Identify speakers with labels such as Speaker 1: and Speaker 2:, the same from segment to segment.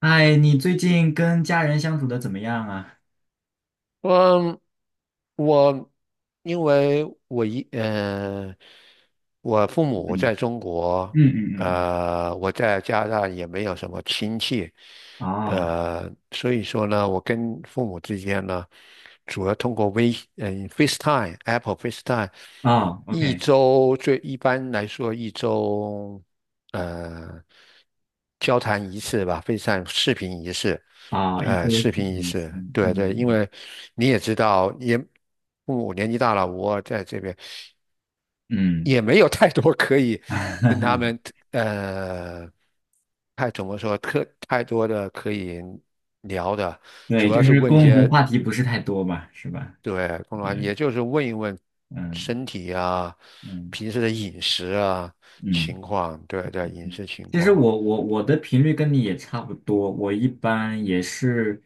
Speaker 1: 哎，你最近跟家人相处的怎么样啊？
Speaker 2: 嗯，我因为我我父母
Speaker 1: 嗯
Speaker 2: 在中国，
Speaker 1: 嗯嗯嗯
Speaker 2: 我在加拿大也没有什么亲戚，
Speaker 1: 嗯，哦
Speaker 2: 所以说呢，我跟父母之间呢，主要通过FaceTime、Apple FaceTime，
Speaker 1: 哦
Speaker 2: 一
Speaker 1: ，OK，
Speaker 2: 周最一般来说一周。呃交谈仪式吧，非常视频仪式，
Speaker 1: 哦，一周
Speaker 2: 视
Speaker 1: 四
Speaker 2: 频
Speaker 1: 天
Speaker 2: 仪
Speaker 1: 一次，
Speaker 2: 式，
Speaker 1: 嗯
Speaker 2: 对对，因
Speaker 1: 嗯
Speaker 2: 为你也知道，父母年纪大了，我在这边
Speaker 1: 嗯
Speaker 2: 也没有太多可以 跟他们，呃，怎么说，太多的可以聊的，
Speaker 1: 对，
Speaker 2: 主
Speaker 1: 就
Speaker 2: 要是
Speaker 1: 是
Speaker 2: 问一
Speaker 1: 共同
Speaker 2: 些，
Speaker 1: 话题不是太多吧，是吧？
Speaker 2: 对，公然
Speaker 1: 对，
Speaker 2: 也就是问一问
Speaker 1: 嗯
Speaker 2: 身体啊，
Speaker 1: 嗯
Speaker 2: 平时的饮食啊
Speaker 1: 嗯
Speaker 2: 情况，对对，饮
Speaker 1: 嗯，
Speaker 2: 食情
Speaker 1: 其实
Speaker 2: 况。
Speaker 1: 我的频率跟你。也差不多，我一般也是，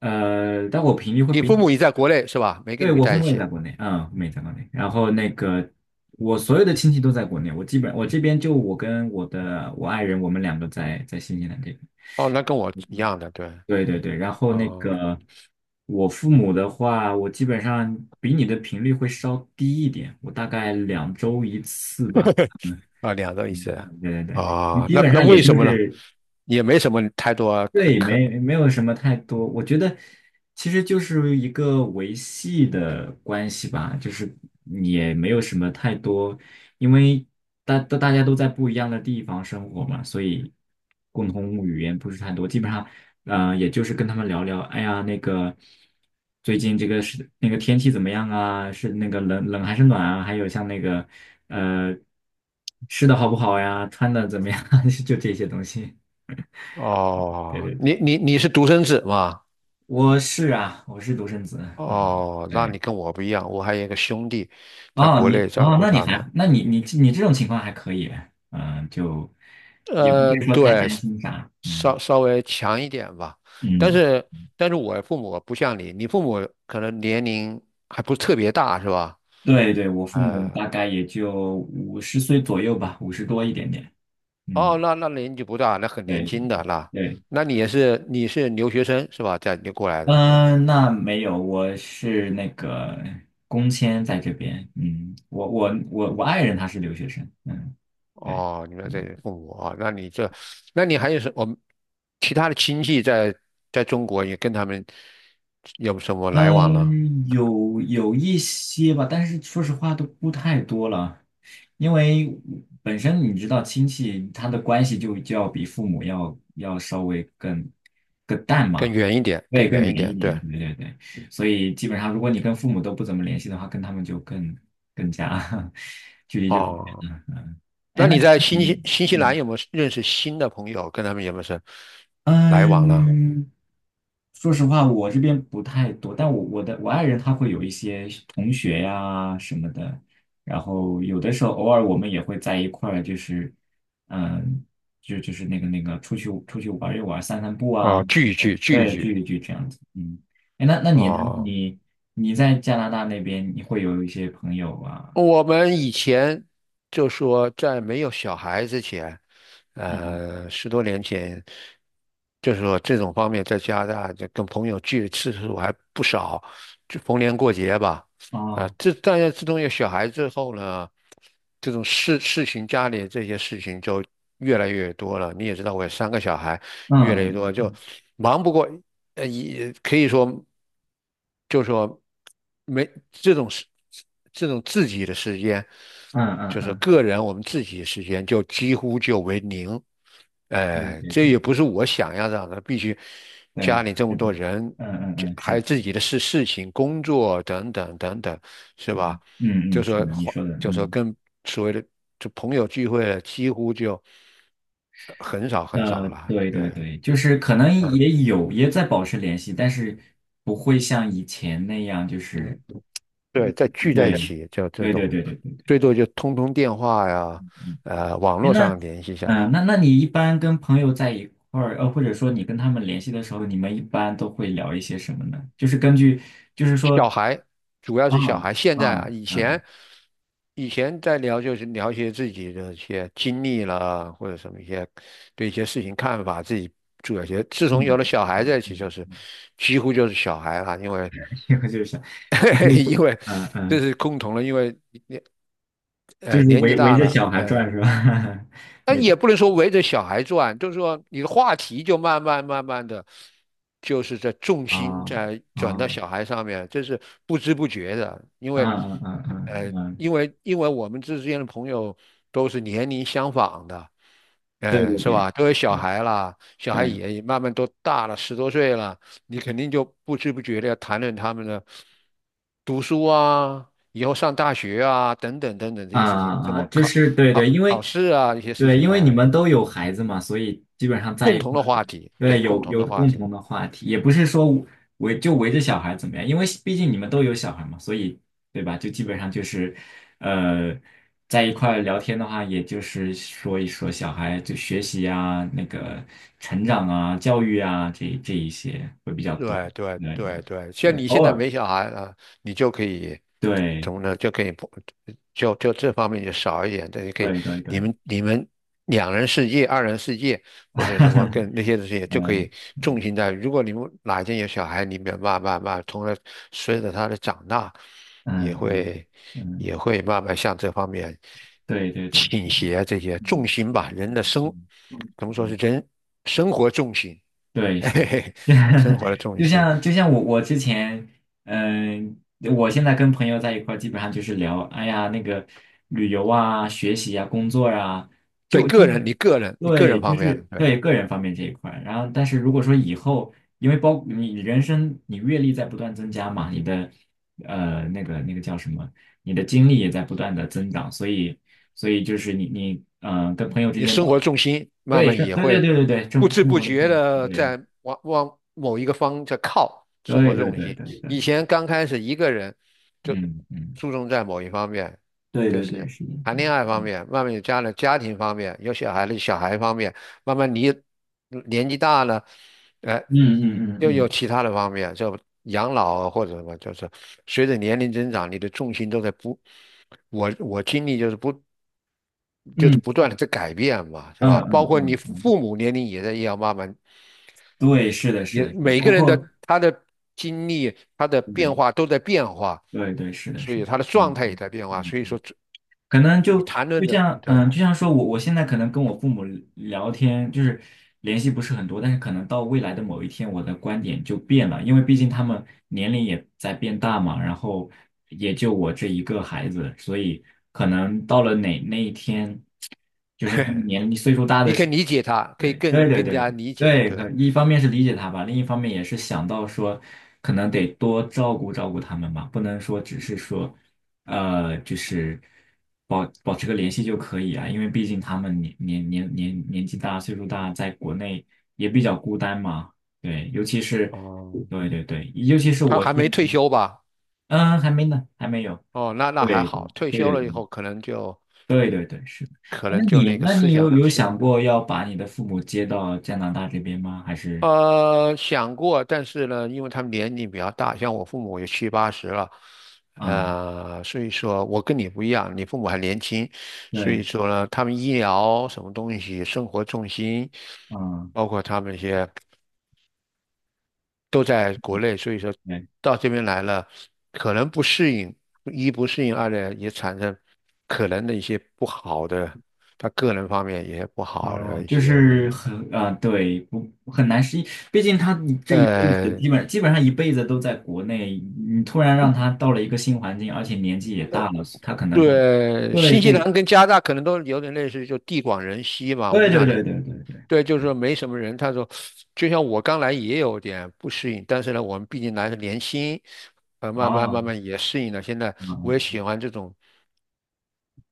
Speaker 1: 但我频率会
Speaker 2: 你
Speaker 1: 比
Speaker 2: 父
Speaker 1: 你
Speaker 2: 母也在国内是吧？没跟
Speaker 1: 对，
Speaker 2: 你们
Speaker 1: 我父
Speaker 2: 在一
Speaker 1: 母也
Speaker 2: 起。
Speaker 1: 在国内，嗯，父母也在国内。然后那个，我所有的亲戚都在国内，我基本我这边就我跟我爱人，我们两个在新西兰这边。
Speaker 2: 哦，那跟我一
Speaker 1: 嗯
Speaker 2: 样的，对。
Speaker 1: 对对对，然后那
Speaker 2: 哦，
Speaker 1: 个我父母的话，我基本上比你的频率会稍低一点，我大概两周一次吧。嗯，
Speaker 2: 啊，两个意思
Speaker 1: 嗯
Speaker 2: 来。
Speaker 1: 对对对，你
Speaker 2: 啊，
Speaker 1: 基
Speaker 2: 那
Speaker 1: 本
Speaker 2: 那
Speaker 1: 上也
Speaker 2: 为
Speaker 1: 就
Speaker 2: 什么呢？
Speaker 1: 是
Speaker 2: 也没什么太多可
Speaker 1: 对，
Speaker 2: 可。
Speaker 1: 没有什么太多，我觉得其实就是一个维系的关系吧，就是也没有什么太多，因为大家都在不一样的地方生活嘛，所以共同语言不是太多，基本上，也就是跟他们聊聊，哎呀，那个最近这个是那个天气怎么样啊？是那个冷还是暖啊？还有像那个呃吃的好不好呀？穿的怎么样啊？就这些东西，对
Speaker 2: 哦，
Speaker 1: 对对。
Speaker 2: 你是独生子嘛？
Speaker 1: 我是啊，我是独生子，嗯，
Speaker 2: 哦，那
Speaker 1: 对，
Speaker 2: 你跟我不一样，我还有一个兄弟，在
Speaker 1: 哦，
Speaker 2: 国
Speaker 1: 你
Speaker 2: 内照
Speaker 1: 哦，
Speaker 2: 顾
Speaker 1: 那你
Speaker 2: 他们。
Speaker 1: 还，那你你这种情况还可以，嗯，就也不会
Speaker 2: 嗯，
Speaker 1: 说太
Speaker 2: 对，
Speaker 1: 担心啥，嗯
Speaker 2: 稍微强一点吧。但
Speaker 1: 嗯，
Speaker 2: 是我父母不像你，你父母可能年龄还不是特别大，是吧？
Speaker 1: 对对，我父母
Speaker 2: 呃，
Speaker 1: 大概也就五十岁左右吧，五十多一点点，
Speaker 2: 哦，
Speaker 1: 嗯，
Speaker 2: 那年纪不大，那很年
Speaker 1: 对
Speaker 2: 轻的那，
Speaker 1: 对对，
Speaker 2: 那你是留学生是吧？在你过来的是
Speaker 1: 嗯，那没有，我是那个工签在这边，嗯，我爱人他是留学生，嗯，对，
Speaker 2: 哦，你们这里父母啊，那你这，那你还有什我们其他的亲戚在中国也跟他们有什么来往了？
Speaker 1: 嗯，有一些吧，但是说实话都不太多了，因为本身你知道亲戚他的关系就要比父母要稍微更淡
Speaker 2: 更
Speaker 1: 嘛，
Speaker 2: 远一点，
Speaker 1: 对，
Speaker 2: 更
Speaker 1: 更
Speaker 2: 远一
Speaker 1: 远一
Speaker 2: 点，
Speaker 1: 点，
Speaker 2: 对。
Speaker 1: 对对对，所以基本上如果你跟父母都不怎么联系的话，跟他们就更加 距离就更
Speaker 2: 哦。
Speaker 1: 远了。哎，
Speaker 2: 那
Speaker 1: 那
Speaker 2: 你在
Speaker 1: 你
Speaker 2: 新西兰
Speaker 1: 嗯
Speaker 2: 有没有认识新的朋友？跟他们有没有来往了？
Speaker 1: 嗯，说实话，我这边不太多，但我的我爱人他会有一些同学呀什么的，然后有的时候偶尔我们也会在一块儿，就是嗯，就是那个出去玩一玩，散散步啊，
Speaker 2: 哦，聚一聚，聚一
Speaker 1: 对，
Speaker 2: 聚
Speaker 1: 聚一聚这样子。嗯，哎，那你呢？
Speaker 2: 哦。
Speaker 1: 你你在加拿大那边，你会有一些朋友啊？
Speaker 2: 我们以前就说，在没有小孩之前，
Speaker 1: 嗯，
Speaker 2: 十多年前，就是说这种方面在加拿大，就跟朋友聚的次数还不少，就逢年过节吧。啊，
Speaker 1: 哦，
Speaker 2: 大家自从有小孩之后呢，这种事情家里这些事情就越来越多了。你也知道，我有三个小孩，
Speaker 1: 嗯
Speaker 2: 越来越多，
Speaker 1: 嗯
Speaker 2: 就
Speaker 1: 嗯
Speaker 2: 忙不过，也可以说，就说没这种事，这种自己的时间，
Speaker 1: 嗯嗯嗯
Speaker 2: 就是
Speaker 1: 嗯，
Speaker 2: 个人我们自己的时间，就几乎就为零。
Speaker 1: 嗯
Speaker 2: 哎，
Speaker 1: 对
Speaker 2: 这
Speaker 1: 对
Speaker 2: 也不是我想要让的，必须家
Speaker 1: 对，
Speaker 2: 里这
Speaker 1: 是
Speaker 2: 么
Speaker 1: 的，
Speaker 2: 多人，
Speaker 1: 嗯嗯
Speaker 2: 这
Speaker 1: 嗯，
Speaker 2: 还
Speaker 1: 是
Speaker 2: 有
Speaker 1: 的。
Speaker 2: 自己的事情、工作等等等等，是
Speaker 1: 嗯
Speaker 2: 吧？
Speaker 1: 嗯，嗯，
Speaker 2: 就
Speaker 1: 是
Speaker 2: 说
Speaker 1: 的，你
Speaker 2: 花
Speaker 1: 说的，
Speaker 2: 就说
Speaker 1: 嗯，
Speaker 2: 跟所谓的就朋友聚会了几乎就很少很少了。
Speaker 1: 对对
Speaker 2: 对，
Speaker 1: 对，就是可能
Speaker 2: 嗯
Speaker 1: 也有也在保持联系，但是不会像以前那样，就是
Speaker 2: 嗯，对，再聚在一
Speaker 1: 对，
Speaker 2: 起就这
Speaker 1: 对对
Speaker 2: 种，
Speaker 1: 对对对对，
Speaker 2: 最多就通电话呀，
Speaker 1: 嗯，
Speaker 2: 网
Speaker 1: 诶
Speaker 2: 络
Speaker 1: 那，
Speaker 2: 上联系一下。
Speaker 1: 那你一般跟朋友在一块儿，或者说你跟他们联系的时候，你们一般都会聊一些什么呢？就是根据，就是说，
Speaker 2: 小孩，主要
Speaker 1: 啊
Speaker 2: 是小孩。现在
Speaker 1: 啊
Speaker 2: 啊，以前
Speaker 1: 嗯
Speaker 2: 在聊就是聊一些自己的一些经历啦，或者什么一些对一些事情看法，自己做一些。自从有
Speaker 1: 嗯
Speaker 2: 了小孩
Speaker 1: 嗯
Speaker 2: 在一起，就是
Speaker 1: 嗯，
Speaker 2: 几乎就是小孩了，因为
Speaker 1: 这个就是，
Speaker 2: 因为
Speaker 1: 嗯
Speaker 2: 这
Speaker 1: 嗯，
Speaker 2: 是共同的，因为
Speaker 1: 就是
Speaker 2: 年纪
Speaker 1: 围围
Speaker 2: 大
Speaker 1: 着
Speaker 2: 了，
Speaker 1: 小孩
Speaker 2: 哎、
Speaker 1: 转是吧？
Speaker 2: 但
Speaker 1: 那
Speaker 2: 也不能说围着小孩转，就是说你的话题就慢慢慢慢的，就是在重
Speaker 1: 啊
Speaker 2: 心
Speaker 1: 啊
Speaker 2: 在转到
Speaker 1: 嗯
Speaker 2: 小孩上面，这是不知不觉的，因为，
Speaker 1: 嗯嗯嗯嗯，
Speaker 2: 因为我们之间的朋友都是年龄相仿的，
Speaker 1: 对对
Speaker 2: 是
Speaker 1: 对，
Speaker 2: 吧？都有小孩啦，小孩
Speaker 1: 对。
Speaker 2: 也慢慢都大了，十多岁了，你肯定就不知不觉的要谈论他们的读书啊，以后上大学啊，等等等等这些事情，怎
Speaker 1: 啊啊，
Speaker 2: 么
Speaker 1: 就是对对，因为
Speaker 2: 考试啊，一些事
Speaker 1: 对，
Speaker 2: 情，
Speaker 1: 因为你
Speaker 2: 哎。
Speaker 1: 们都有孩子嘛，所以基本上在
Speaker 2: 共
Speaker 1: 一
Speaker 2: 同
Speaker 1: 块
Speaker 2: 的
Speaker 1: 儿，
Speaker 2: 话题，对，
Speaker 1: 对，
Speaker 2: 共
Speaker 1: 有
Speaker 2: 同
Speaker 1: 有
Speaker 2: 的话
Speaker 1: 共
Speaker 2: 题。
Speaker 1: 同的话题，也不是说围着小孩怎么样，因为毕竟你们都有小孩嘛，所以对吧？就基本上就是，呃，在一块儿聊天的话，也就是说一说小孩就学习啊、那个成长啊、教育啊这一些会比较多，
Speaker 2: 对对
Speaker 1: 对对
Speaker 2: 对对，像
Speaker 1: 对，
Speaker 2: 你
Speaker 1: 偶
Speaker 2: 现在
Speaker 1: 尔，
Speaker 2: 没小孩啊，你就可以怎
Speaker 1: 对
Speaker 2: 么呢？就可以不就这方面就少一点，这也可以
Speaker 1: 对对对，
Speaker 2: 你们两人世界、二人世界或者什么跟那 些东西就可
Speaker 1: 嗯。
Speaker 2: 以重心在。如果你们哪一天有小孩，你们慢慢慢，随着他的长大，
Speaker 1: 嗯
Speaker 2: 也
Speaker 1: 嗯
Speaker 2: 会
Speaker 1: 嗯，
Speaker 2: 也会慢慢向这方面
Speaker 1: 对对对，
Speaker 2: 倾斜这些
Speaker 1: 嗯
Speaker 2: 重心吧，人的
Speaker 1: 嗯
Speaker 2: 怎么说是
Speaker 1: 嗯。
Speaker 2: 人生活重心。
Speaker 1: 对，
Speaker 2: 嘿
Speaker 1: 是，
Speaker 2: 嘿嘿，生活的 重
Speaker 1: 就
Speaker 2: 心，
Speaker 1: 像就像我之前，嗯、我现在跟朋友在一块儿，基本上就是聊，哎呀，那个旅游啊、学习啊、工作啊，
Speaker 2: 对
Speaker 1: 就就
Speaker 2: 个
Speaker 1: 是
Speaker 2: 人，你个人，你个
Speaker 1: 对，
Speaker 2: 人
Speaker 1: 就
Speaker 2: 方面的，
Speaker 1: 是
Speaker 2: 对。
Speaker 1: 对个人方面这一块儿然后，但是如果说以后，因为包你人生你阅历在不断增加嘛，你的那个叫什么，你的经历也在不断的增长，所以就是你跟朋友之
Speaker 2: 你
Speaker 1: 间
Speaker 2: 生活
Speaker 1: 聊，
Speaker 2: 重心慢
Speaker 1: 对，
Speaker 2: 慢
Speaker 1: 是，
Speaker 2: 也
Speaker 1: 对对
Speaker 2: 会
Speaker 1: 对对对，这
Speaker 2: 不
Speaker 1: 种
Speaker 2: 知
Speaker 1: 生
Speaker 2: 不
Speaker 1: 活的这
Speaker 2: 觉
Speaker 1: 种
Speaker 2: 的
Speaker 1: 对。
Speaker 2: 在往某一个方在靠
Speaker 1: 对
Speaker 2: 生活
Speaker 1: 对
Speaker 2: 重
Speaker 1: 对
Speaker 2: 心。
Speaker 1: 对
Speaker 2: 以
Speaker 1: 对，
Speaker 2: 前刚开始一个人就
Speaker 1: 嗯嗯，
Speaker 2: 注重在某一方面，
Speaker 1: 对
Speaker 2: 就
Speaker 1: 对对，
Speaker 2: 是
Speaker 1: 是的，是
Speaker 2: 谈
Speaker 1: 的
Speaker 2: 恋爱方
Speaker 1: 嗯
Speaker 2: 面，慢慢有家了家庭方面，有小孩了小孩方面，慢慢你年纪大了，呃，
Speaker 1: 嗯嗯嗯
Speaker 2: 又有
Speaker 1: 嗯
Speaker 2: 其他的方面，就养老啊或者什么，就是随着年龄增长，你的重心都在不，我经历就是不。就是
Speaker 1: 嗯
Speaker 2: 不断的在改变嘛，是
Speaker 1: 嗯
Speaker 2: 吧？包
Speaker 1: 嗯
Speaker 2: 括你
Speaker 1: 嗯嗯
Speaker 2: 父母年龄也要慢慢
Speaker 1: 对，是的，
Speaker 2: 你
Speaker 1: 是的，是的，
Speaker 2: 每
Speaker 1: 包
Speaker 2: 个人的
Speaker 1: 括
Speaker 2: 他的经历、他的变
Speaker 1: 对
Speaker 2: 化都在变化，
Speaker 1: 对对，是的，
Speaker 2: 所
Speaker 1: 是
Speaker 2: 以
Speaker 1: 的，
Speaker 2: 他的
Speaker 1: 嗯
Speaker 2: 状态也
Speaker 1: 嗯
Speaker 2: 在变化。
Speaker 1: 嗯，
Speaker 2: 所以说这
Speaker 1: 可能
Speaker 2: 你
Speaker 1: 就
Speaker 2: 谈论的，对，
Speaker 1: 嗯，就像说我现在可能跟我父母聊天，就是联系不是很多，但是可能到未来的某一天，我的观点就变了，因为毕竟他们年龄也在变大嘛，然后也就我这一个孩子，所以可能到了哪那一天。
Speaker 2: 你可以理解他，可以
Speaker 1: 对对对
Speaker 2: 更加
Speaker 1: 对
Speaker 2: 理解。
Speaker 1: 对，可
Speaker 2: 对，
Speaker 1: 一方面是理解他吧，另一方面也是想到说，可能得多照顾照顾他们吧，不能说只是说，就是保持个联系就可以啊，因为毕竟他们年纪大，岁数大，在国内也比较孤单嘛，对，尤其是
Speaker 2: 哦，
Speaker 1: 对对对，尤其是
Speaker 2: 他
Speaker 1: 我
Speaker 2: 还
Speaker 1: 现
Speaker 2: 没
Speaker 1: 在，
Speaker 2: 退休吧？
Speaker 1: 嗯，还没呢，还没有，
Speaker 2: 哦，那那还
Speaker 1: 对
Speaker 2: 好，退
Speaker 1: 对
Speaker 2: 休了以
Speaker 1: 对
Speaker 2: 后
Speaker 1: 对对对，是。哎
Speaker 2: 可能就那个
Speaker 1: 那
Speaker 2: 思
Speaker 1: 你有
Speaker 2: 想
Speaker 1: 有
Speaker 2: 性
Speaker 1: 想
Speaker 2: 的。
Speaker 1: 过要把你的父母接到加拿大这边吗？还是？
Speaker 2: 想过，但是呢，因为他们年龄比较大，像我父母也七八十了，
Speaker 1: 啊，
Speaker 2: 所以说我跟你不一样，你父母还年轻，所以
Speaker 1: 对，
Speaker 2: 说呢，他们医疗什么东西、生活重心，
Speaker 1: 啊，
Speaker 2: 包括他们一些都在国内，所以说
Speaker 1: 对，
Speaker 2: 到这边来了，可能不适应，一不适应，二呢也产生可能的一些不好的，他个人方面也不好
Speaker 1: 哦，
Speaker 2: 的一
Speaker 1: 就
Speaker 2: 些那
Speaker 1: 是
Speaker 2: 个。
Speaker 1: 很，啊，对，不很难适应，毕竟他这一辈子
Speaker 2: 呃。
Speaker 1: 基本上一辈子都在国内，你突然让他到了一个新环境，而且年纪也大了，他可能会，
Speaker 2: 对，
Speaker 1: 对，
Speaker 2: 新西
Speaker 1: 不，
Speaker 2: 兰跟加拿大可能都有点类似，就地广人稀嘛。我
Speaker 1: 对
Speaker 2: 不知
Speaker 1: 对
Speaker 2: 道你，
Speaker 1: 对对对对，
Speaker 2: 对，就是说没什么人。他说，就像我刚来也有点不适应，但是呢，我们毕竟来的年轻，慢慢
Speaker 1: 哦，
Speaker 2: 慢慢也适应了。现在我
Speaker 1: 哦
Speaker 2: 也喜欢这种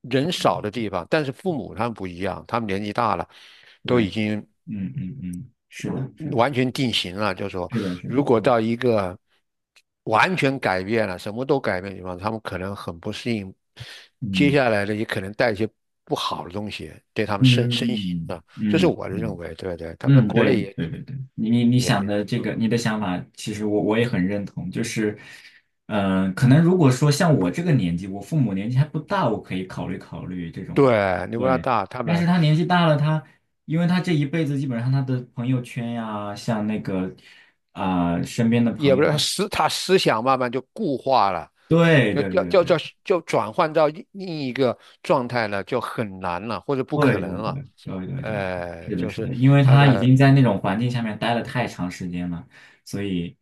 Speaker 2: 人少的地方，但是父母他们不一样，他们年纪大了，
Speaker 1: 对，
Speaker 2: 都已经。
Speaker 1: 嗯嗯嗯，是的，是的，
Speaker 2: 完全定型了，就说
Speaker 1: 是的，是
Speaker 2: 如
Speaker 1: 的，
Speaker 2: 果到一个完全改变了，什么都改变的地方，他们可能很不适应，接
Speaker 1: 嗯
Speaker 2: 下来的也可能带一些不好的东西对他们身心
Speaker 1: 嗯
Speaker 2: 啊，这是
Speaker 1: 嗯
Speaker 2: 我的认
Speaker 1: 嗯。
Speaker 2: 为，对不对？他们在
Speaker 1: 嗯，
Speaker 2: 国
Speaker 1: 对
Speaker 2: 内也
Speaker 1: 对对对，你想的
Speaker 2: 挺
Speaker 1: 这
Speaker 2: 好
Speaker 1: 个，
Speaker 2: 的，
Speaker 1: 你的想法，其实我也很认同。就是，嗯、可能如果说像我这个年纪，我父母年纪还不大，我可以考虑考虑这种，
Speaker 2: 对，牛加
Speaker 1: 对。
Speaker 2: 大他
Speaker 1: 但是
Speaker 2: 们
Speaker 1: 他年纪大了，他因为他这一辈子基本上他的朋友圈呀、像那个啊、身边的
Speaker 2: 也
Speaker 1: 朋
Speaker 2: 不
Speaker 1: 友，
Speaker 2: 是他思想慢慢就固化了。
Speaker 1: 对对对对
Speaker 2: 要就转换到另一个状态了，就很难了，或者不可
Speaker 1: 对对
Speaker 2: 能了。
Speaker 1: 对对对对，是的，
Speaker 2: 就
Speaker 1: 是
Speaker 2: 是
Speaker 1: 的，因为
Speaker 2: 他
Speaker 1: 他已
Speaker 2: 的
Speaker 1: 经在那种环境下面待了太长时间了，所以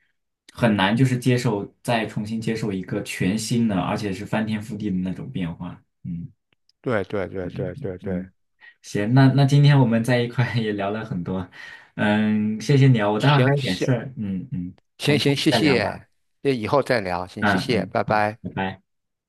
Speaker 1: 很难就是接受，再重新接受一个全新的，而且是翻天覆地的那种变化。嗯，
Speaker 2: 对对对
Speaker 1: 对对
Speaker 2: 对
Speaker 1: 对，
Speaker 2: 对对，
Speaker 1: 嗯，行，那今天我们在一块也聊了很多，嗯，谢谢你啊，我待会儿还
Speaker 2: 行，
Speaker 1: 有点事
Speaker 2: 行
Speaker 1: 儿，嗯嗯，我
Speaker 2: 行
Speaker 1: 们下
Speaker 2: 行，
Speaker 1: 次
Speaker 2: 谢
Speaker 1: 再聊吧，
Speaker 2: 谢，那以后再聊，行，谢
Speaker 1: 嗯
Speaker 2: 谢，
Speaker 1: 嗯，
Speaker 2: 拜
Speaker 1: 好，
Speaker 2: 拜。
Speaker 1: 拜拜。